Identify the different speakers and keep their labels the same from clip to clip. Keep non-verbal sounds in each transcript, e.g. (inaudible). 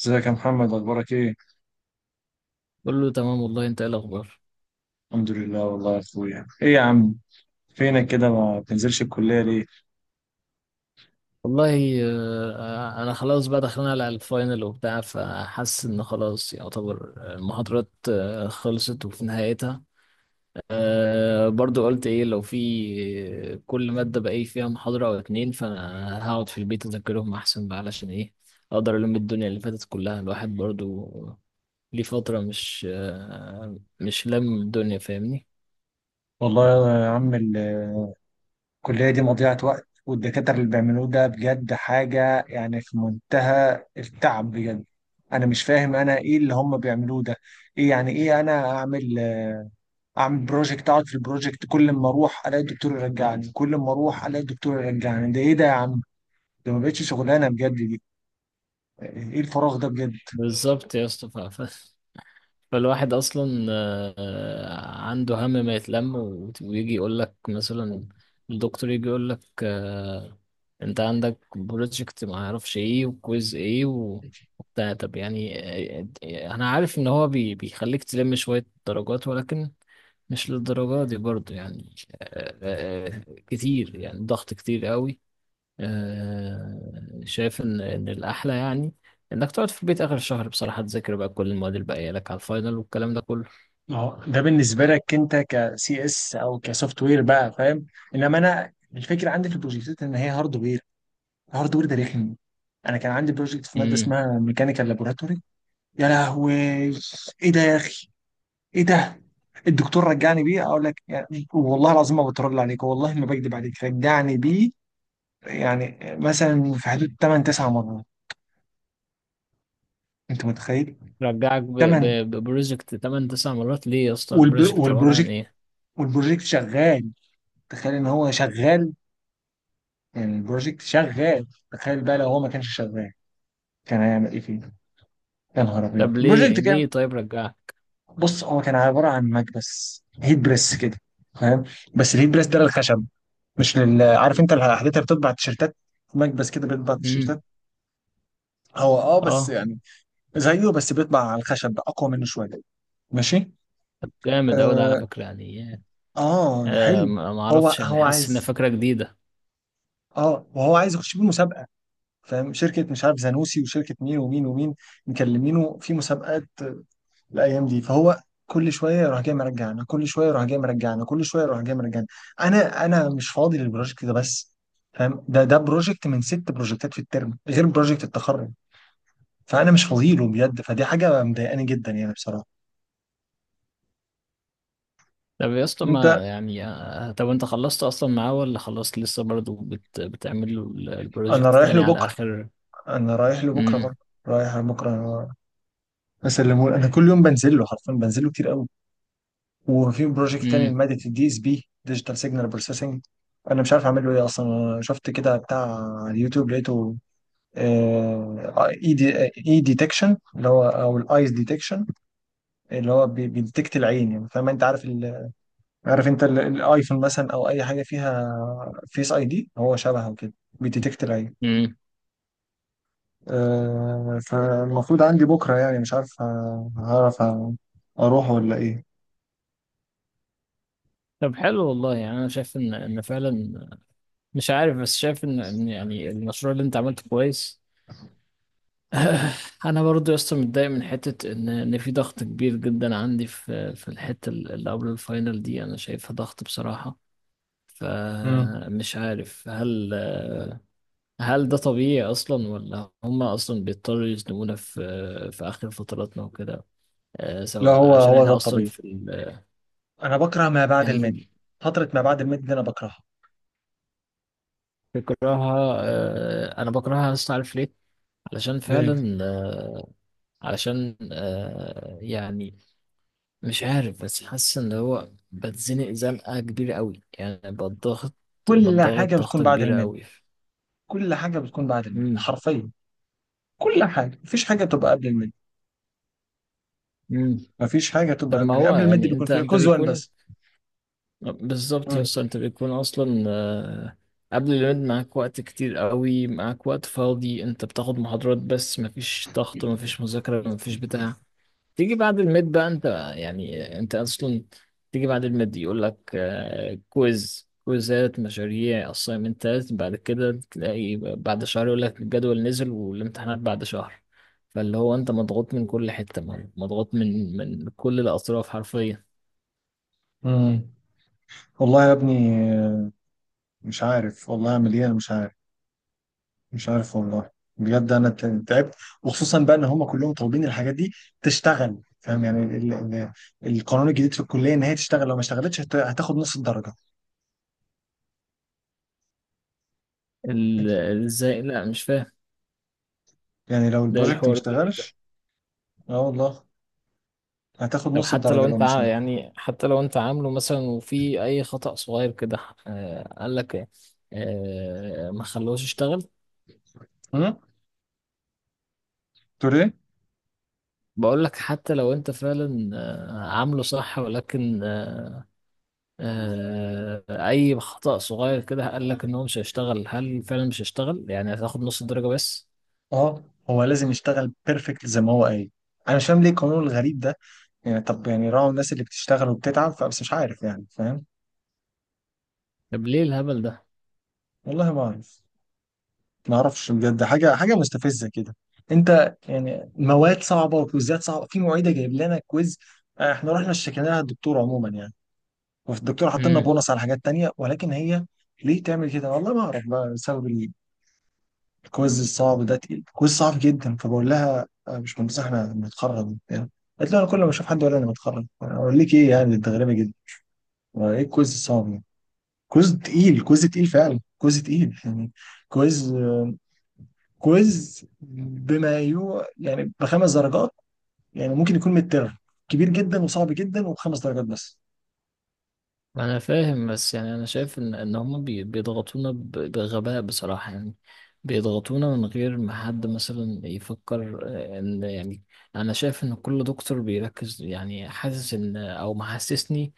Speaker 1: ازيك يا محمد اخبارك ايه؟
Speaker 2: بقول له تمام، والله. انت ايه الاخبار؟
Speaker 1: الحمد لله والله يا اخويا. ايه يا عم، فينك كده، ما بتنزلش الكليه ليه؟
Speaker 2: والله، انا خلاص بقى داخلين على الفاينل وبتاع، فحاسس ان خلاص يعتبر المحاضرات خلصت وفي نهايتها. برضو قلت ايه لو في. كل مادة بقى ايه فيها محاضرة او اتنين، فانا هقعد في البيت اذاكرهم احسن بقى علشان ايه؟ اقدر الم الدنيا اللي فاتت كلها، الواحد برضو ليه فترة مش لم الدنيا، فاهمني؟
Speaker 1: والله يا عم الكليه دي مضيعه وقت، والدكاتره اللي بيعملوه ده بجد حاجه يعني في منتهى التعب بجد. انا مش فاهم انا ايه اللي هم بيعملوه ده. ايه يعني، ايه انا اعمل؟ اعمل بروجكت، اقعد في البروجكت، كل ما اروح الاقي الدكتور يرجعني، كل ما اروح الاقي الدكتور يرجعني. ده ايه ده يا عم؟ ده ما بقتش شغلانه بجد دي. ايه الفراغ ده بجد؟
Speaker 2: بالظبط يا اسطى. فالواحد اصلا عنده هم ما يتلم، و- ويجي يقول لك مثلا، الدكتور يجي يقول لك انت عندك بروجكت ما اعرفش ايه، وكويز ايه، و- وبتاع، طب يعني. انا عارف ان هو بي- بيخليك تلم شوية درجات، ولكن مش للدرجة دي برضو يعني. كتير يعني، ضغط كتير قوي. شايف ان الاحلى يعني انك تقعد في البيت اخر الشهر بصراحه، تذاكر بقى كل المواد اللي باقيه لك على الفاينل والكلام ده كله.
Speaker 1: ما هو ده بالنسبه لك انت كسي اس او كسوفت وير بقى، فاهم؟ انما انا الفكره عندي في البروجكتات ان هي هاردوير. الهاردوير ده رخم. انا كان عندي بروجكت في ماده
Speaker 2: امم.
Speaker 1: اسمها ميكانيكال لابوراتوري. يا لهوي، ايه ده يا اخي؟ ايه ده؟ الدكتور رجعني بيه، اقول لك يعني والله العظيم ما بترد عليك، والله ما بكذب عليك، رجعني بيه يعني مثلا في حدود 8 9 مرات. انت متخيل؟
Speaker 2: رجعك
Speaker 1: 8.
Speaker 2: ببروجكت 8 9 مرات ليه يا اسطى؟ البروجكت عباره عن
Speaker 1: والبروجكت،
Speaker 2: ايه؟
Speaker 1: والبروجكت شغال. تخيل ان هو شغال. البروجكت شغال، تخيل بقى لو هو ما كانش شغال، كان هيعمل ايه فيه؟ يا نهار
Speaker 2: طب
Speaker 1: ابيض، البروجكت
Speaker 2: ليه
Speaker 1: كان…
Speaker 2: ليه طيب رجعك؟
Speaker 1: بص، هو كان عباره عن مكبس هيت بريس كده، فاهم؟ بس الهيت بريس ده للخشب، مش لل… عارف انت الحاجات اللي بتطبع التيشيرتات؟ مكبس كده بيطبع
Speaker 2: امم.
Speaker 1: التيشيرتات. هو اه بس
Speaker 2: اه.
Speaker 1: يعني زيه، بس بيطبع على الخشب اقوى منه شويه. ماشي.
Speaker 2: طب جامد اوي ده على
Speaker 1: اه،
Speaker 2: فكره يعني.
Speaker 1: آه حلو.
Speaker 2: ما
Speaker 1: هو
Speaker 2: اعرفش يعني،
Speaker 1: هو
Speaker 2: حاسس ان
Speaker 1: عايز…
Speaker 2: فكره جديده.
Speaker 1: اه، وهو عايز يخش بيه مسابقه، فاهم؟ شركه مش عارف زانوسي، وشركه مين ومين ومين، مكلمينه في مسابقات الايام دي. فهو كل شويه يروح جاي مرجعنا، كل شويه يروح جاي مرجعنا، كل شويه يروح جاي مرجعنا. انا مش فاضي للبروجكت ده بس، فاهم؟ ده بروجكت من ست بروجكتات في الترم، غير بروجكت التخرج. فانا مش فاضي له بجد، فدي حاجه مضايقاني جدا يعني بصراحه.
Speaker 2: طب يا اسطى
Speaker 1: انت…
Speaker 2: ما يعني، طب انت خلصت اصلا معاه ولا خلصت لسه، برضه بتعمل له
Speaker 1: انا
Speaker 2: البروجكت
Speaker 1: رايح
Speaker 2: تاني
Speaker 1: له
Speaker 2: على
Speaker 1: بكره،
Speaker 2: اخر؟
Speaker 1: انا رايح له بكره برضه، رايح له بكره، بسلمه له. انا كل يوم بنزل له، حرفيا بنزل له كتير قوي. وفي بروجكت تاني
Speaker 2: امم.
Speaker 1: لماده الدي اس بي، ديجيتال سيجنال بروسيسنج. انا مش عارف اعمل له ايه اصلا. أنا شفت كده بتاع على اليوتيوب، لقيته اي ديتكشن، اللي هو او الايز ديتكشن، اللي هو بيديتكت العين يعني، فاهم؟ انت عارف ال… عارف انت الايفون مثلا، او اي حاجه فيها فيس اي دي، هو شبهه كده، بيديتكت العين.
Speaker 2: مم.
Speaker 1: فالمفروض عندي بكره، يعني مش عارف هعرف اروح ولا ايه.
Speaker 2: طب حلو والله، يعني انا شايف ان فعلا مش عارف، بس شايف ان يعني المشروع اللي انت عملته كويس. (laughs) (sighs) انا برضو يا اسطى متضايق من حته ان في ضغط كبير جدا عندي في الحته اللي قبل الفاينل دي، انا شايفها ضغط بصراحه.
Speaker 1: مم.
Speaker 2: فمش عارف هل ده طبيعي اصلا، ولا هما اصلا بيضطروا يزنقونا في اخر فتراتنا وكده،
Speaker 1: لا،
Speaker 2: سواء
Speaker 1: هو
Speaker 2: عشان
Speaker 1: هو ده
Speaker 2: احنا اصلا
Speaker 1: الطبيعي. انا بكره ما بعد الميد،
Speaker 2: يعني.
Speaker 1: فتره ما بعد الميد دي انا بكرهها.
Speaker 2: بكرهها، انا بكرهها اصلا، عارف ليه؟ علشان
Speaker 1: ليه؟
Speaker 2: فعلا، علشان يعني مش عارف، بس حاسس ان هو بتزنق زنقة كبيرة قوي، يعني بتضغط
Speaker 1: كل
Speaker 2: بتضغط
Speaker 1: حاجه بتكون
Speaker 2: ضغطة
Speaker 1: بعد
Speaker 2: كبيرة
Speaker 1: الميد،
Speaker 2: قوي.
Speaker 1: كل حاجه بتكون بعد الميد
Speaker 2: امم.
Speaker 1: حرفيا، كل حاجه، مفيش حاجه بتبقى قبل الميد،
Speaker 2: امم.
Speaker 1: مفيش حاجه تبقى
Speaker 2: طب ما
Speaker 1: قبل
Speaker 2: هو
Speaker 1: قبل المد،
Speaker 2: يعني
Speaker 1: بيكون
Speaker 2: انت
Speaker 1: في
Speaker 2: انت
Speaker 1: كوز 1
Speaker 2: بيكون،
Speaker 1: بس.
Speaker 2: بالظبط يا
Speaker 1: مم.
Speaker 2: اسطى، انت بيكون اصلا قبل، الولاد معاك وقت كتير قوي، معاك وقت فاضي، انت بتاخد محاضرات بس، مفيش ضغط، مفيش مذاكرة، مفيش بتاع. تيجي بعد الميد بقى انت، يعني انت اصلا تيجي بعد الميد يقول لك كويز، كويزات، مشاريع، اسايمنتات، بعد كده تلاقي بعد شهر يقول لك الجدول نزل والامتحانات بعد شهر، فاللي هو انت مضغوط من كل حتة، مضغوط من كل الاطراف حرفيا.
Speaker 1: مم. والله يا ابني، آه، مش عارف والله اعمل ايه، انا مش عارف، مش عارف والله. بجد انا تعبت. وخصوصا بقى ان هم كلهم طالبين الحاجات دي تشتغل، فاهم يعني ال القانون الجديد في الكليه ان هي تشتغل، لو ما اشتغلتش هتاخد نص الدرجه.
Speaker 2: ازاي؟ لا مش فاهم.
Speaker 1: يعني لو
Speaker 2: ده إيه
Speaker 1: البروجكت ما
Speaker 2: الحوار الجديد ده؟
Speaker 1: اشتغلش. اه والله، هتاخد
Speaker 2: طب
Speaker 1: نص الدرجه لو مش اشتغل.
Speaker 2: حتى لو انت عامله مثلا، وفي اي خطأ صغير كده قال لك ما خلوش يشتغل.
Speaker 1: امم. تقول ايه؟
Speaker 2: بقول لك حتى لو انت فعلا عامله صح، ولكن اي خطأ صغير كده قال لك ان هو مش هيشتغل، هل فعلا مش هيشتغل يعني، هتاخد نص الدرجة بس؟
Speaker 1: اه، هو لازم يشتغل بيرفكت زي ما هو قايل. انا مش فاهم ليه القانون الغريب ده. يعني طب يعني راعوا الناس اللي بتشتغل وبتتعب، فبس مش عارف يعني، فاهم؟
Speaker 2: طب ليه الهبل ده؟
Speaker 1: والله ما اعرف، ما اعرفش بجد، حاجه حاجه مستفزه كده. انت يعني مواد صعبه وكويزات صعبه، في معيده جايب لنا كويز. احنا رحنا اشتكيناها للدكتور عموما يعني، والدكتور حط لنا
Speaker 2: امم.
Speaker 1: بونص على حاجات تانية، ولكن هي ليه تعمل كده؟ والله ما اعرف بقى، بسبب الكويز الصعب ده، تقيل كويز صعب جدا. فبقول لها مش مهندسه احنا بنتخرج يعني؟ قالت لي انا كل ما اشوف حد ولا انا بتخرج اقول لك ايه، يعني انت غريبه جدا. ايه الكويز الصعب؟ كويز تقيل، كويز تقيل فعلا، كويز تقيل يعني، كويز كويز بما يو يعني بخمس درجات، يعني ممكن يكون متر كبير جدا وصعب جدا وبخمس درجات بس.
Speaker 2: انا فاهم، بس يعني انا شايف ان هم بيضغطونا بغباء بصراحة يعني. بيضغطونا من غير ما حد مثلا يفكر ان يعني، انا شايف ان كل دكتور بيركز يعني، حاسس ان، او محسسني،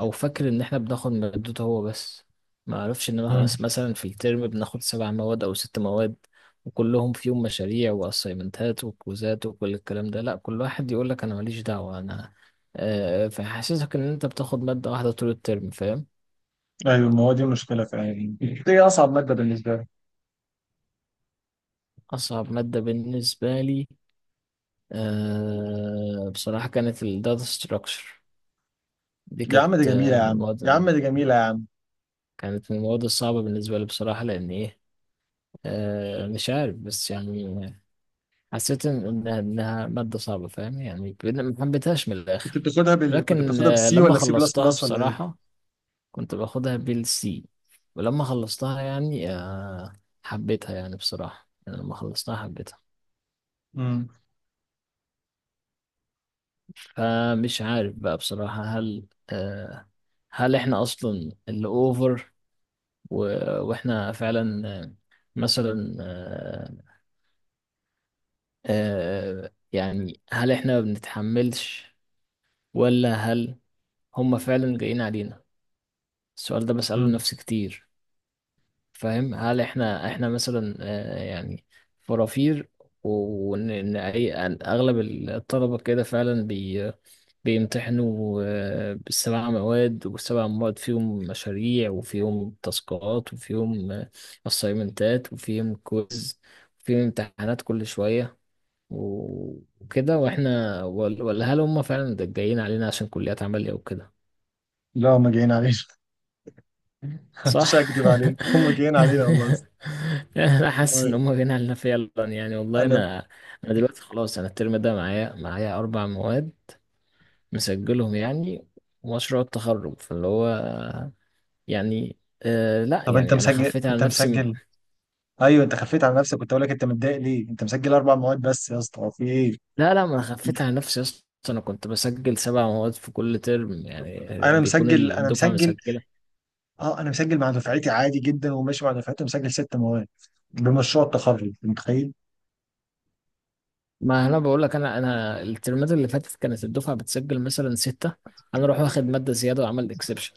Speaker 2: او فاكر ان احنا بناخد مادته هو بس، ما اعرفش ان
Speaker 1: مم.
Speaker 2: مثلا في الترم بناخد سبع مواد او ست مواد، وكلهم فيهم مشاريع واسايمنتات وكوزات وكل الكلام ده. لا، كل واحد يقول لك انا ماليش دعوة انا، فحاسسك ان انت بتاخد مادة واحدة طول الترم، فاهم؟
Speaker 1: ايوه، ما هو دي المشكله فعلا. دي اصعب ماده بالنسبه لي.
Speaker 2: اصعب مادة بالنسبة لي، بصراحة كانت الداتا ستراكشر، دي
Speaker 1: يا عم دي
Speaker 2: كانت
Speaker 1: جميله يا
Speaker 2: من
Speaker 1: عم، يا
Speaker 2: المواد،
Speaker 1: عم دي جميله يا عم.
Speaker 2: كانت من المواد الصعبة بالنسبة لي بصراحة، لأن إيه؟ مش عارف بس يعني، حسيت إن- انها إنها مادة صعبة، فاهم يعني، ما حبيتهاش من
Speaker 1: كنت
Speaker 2: الاخر.
Speaker 1: بتاخدها بال… كنت
Speaker 2: لكن
Speaker 1: بتاخدها بالسي
Speaker 2: لما
Speaker 1: ولا سي بلس
Speaker 2: خلصتها
Speaker 1: بلس ولا ايه؟
Speaker 2: بصراحة، كنت باخدها بالسي، ولما خلصتها يعني حبيتها، يعني بصراحة يعني لما خلصتها حبيتها.
Speaker 1: مم.
Speaker 2: فمش عارف بقى بصراحة، هل هل احنا اصلا اللي اوفر، و- واحنا فعلا مثلا يعني هل احنا ما بنتحملش، ولا هل هم فعلا جايين علينا؟ السؤال ده بسأله
Speaker 1: مم.
Speaker 2: لنفسي كتير. فاهم، هل احنا مثلا يعني فرافير، وان إن اي أن اغلب الطلبه كده فعلا بيمتحنوا بالسبع مواد، والسبع مواد فيهم مشاريع، وفيهم تاسكات، وفيهم اسايمنتات، وفيهم كويز، وفيهم امتحانات كل شويه، و- وكده، واحنا ولا هل هم فعلا جايين علينا عشان كليات عمليه وكده؟
Speaker 1: لا، هم جايين علينا. (laughs)
Speaker 2: صح.
Speaker 1: مش هكدب عليك، هم جايين علينا والله.
Speaker 2: (laughs) يعني انا حاسس ان
Speaker 1: و-
Speaker 2: هم جايين علينا فعلا، يعني والله،
Speaker 1: انا…
Speaker 2: انا دلوقتي خلاص، انا الترم ده معايا اربع مواد مسجلهم يعني، ومشروع التخرج، فاللي هو يعني. لا
Speaker 1: طب انت
Speaker 2: يعني انا
Speaker 1: مسجل،
Speaker 2: خفيت على
Speaker 1: انت
Speaker 2: نفسي، ما.
Speaker 1: مسجل؟ ايوه، انت خفيت على نفسك، كنت اقول لك انت متضايق ليه، انت مسجل اربع مواد بس يا اسطى، هو في ايه؟
Speaker 2: لا، لا، ما انا خفيت على نفسي يا اسطى. انا كنت بسجل سبع مواد في كل ترم، يعني
Speaker 1: انا
Speaker 2: بيكون
Speaker 1: مسجل، انا
Speaker 2: الدفعه
Speaker 1: مسجل.
Speaker 2: مسجله.
Speaker 1: اه انا مسجل مع دفعتي عادي جدا، وماشي مع دفعتي مسجل ست مواد بمشروع التخرج، أنت متخيل؟
Speaker 2: ما انا بقول لك، انا الترمات اللي فاتت كانت الدفعه بتسجل مثلا سته، انا اروح واخد ماده زياده وعمل اكسبشن.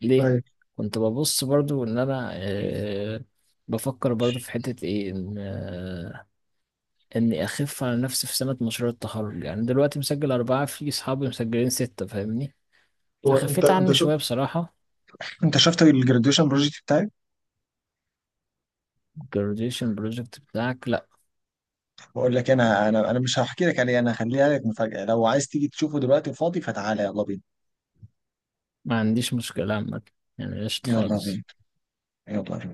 Speaker 2: ليه؟
Speaker 1: ايوه.
Speaker 2: كنت ببص برضو ان انا، بفكر برضو في حتة ايه، ان اني اخف على نفسي في سنة مشروع التخرج، يعني دلوقتي مسجل اربعة، في اصحابي مسجلين ستة، فاهمني؟
Speaker 1: هو انت
Speaker 2: فخفيت
Speaker 1: انت
Speaker 2: عني
Speaker 1: شو
Speaker 2: شوية بصراحة.
Speaker 1: انت شفت الجراديويشن بروجكت بتاعي؟
Speaker 2: graduation project بتاعك؟ لا.
Speaker 1: بقول لك، انا مش هحكي لك عليه، انا هخليها لك مفاجأة. لو عايز تيجي تشوفه دلوقتي فاضي، فتعالى، يلا بينا،
Speaker 2: ما عنديش مشكلة عامة، يعني قشطة
Speaker 1: يلا بينا،
Speaker 2: خالص.
Speaker 1: يلا بينا.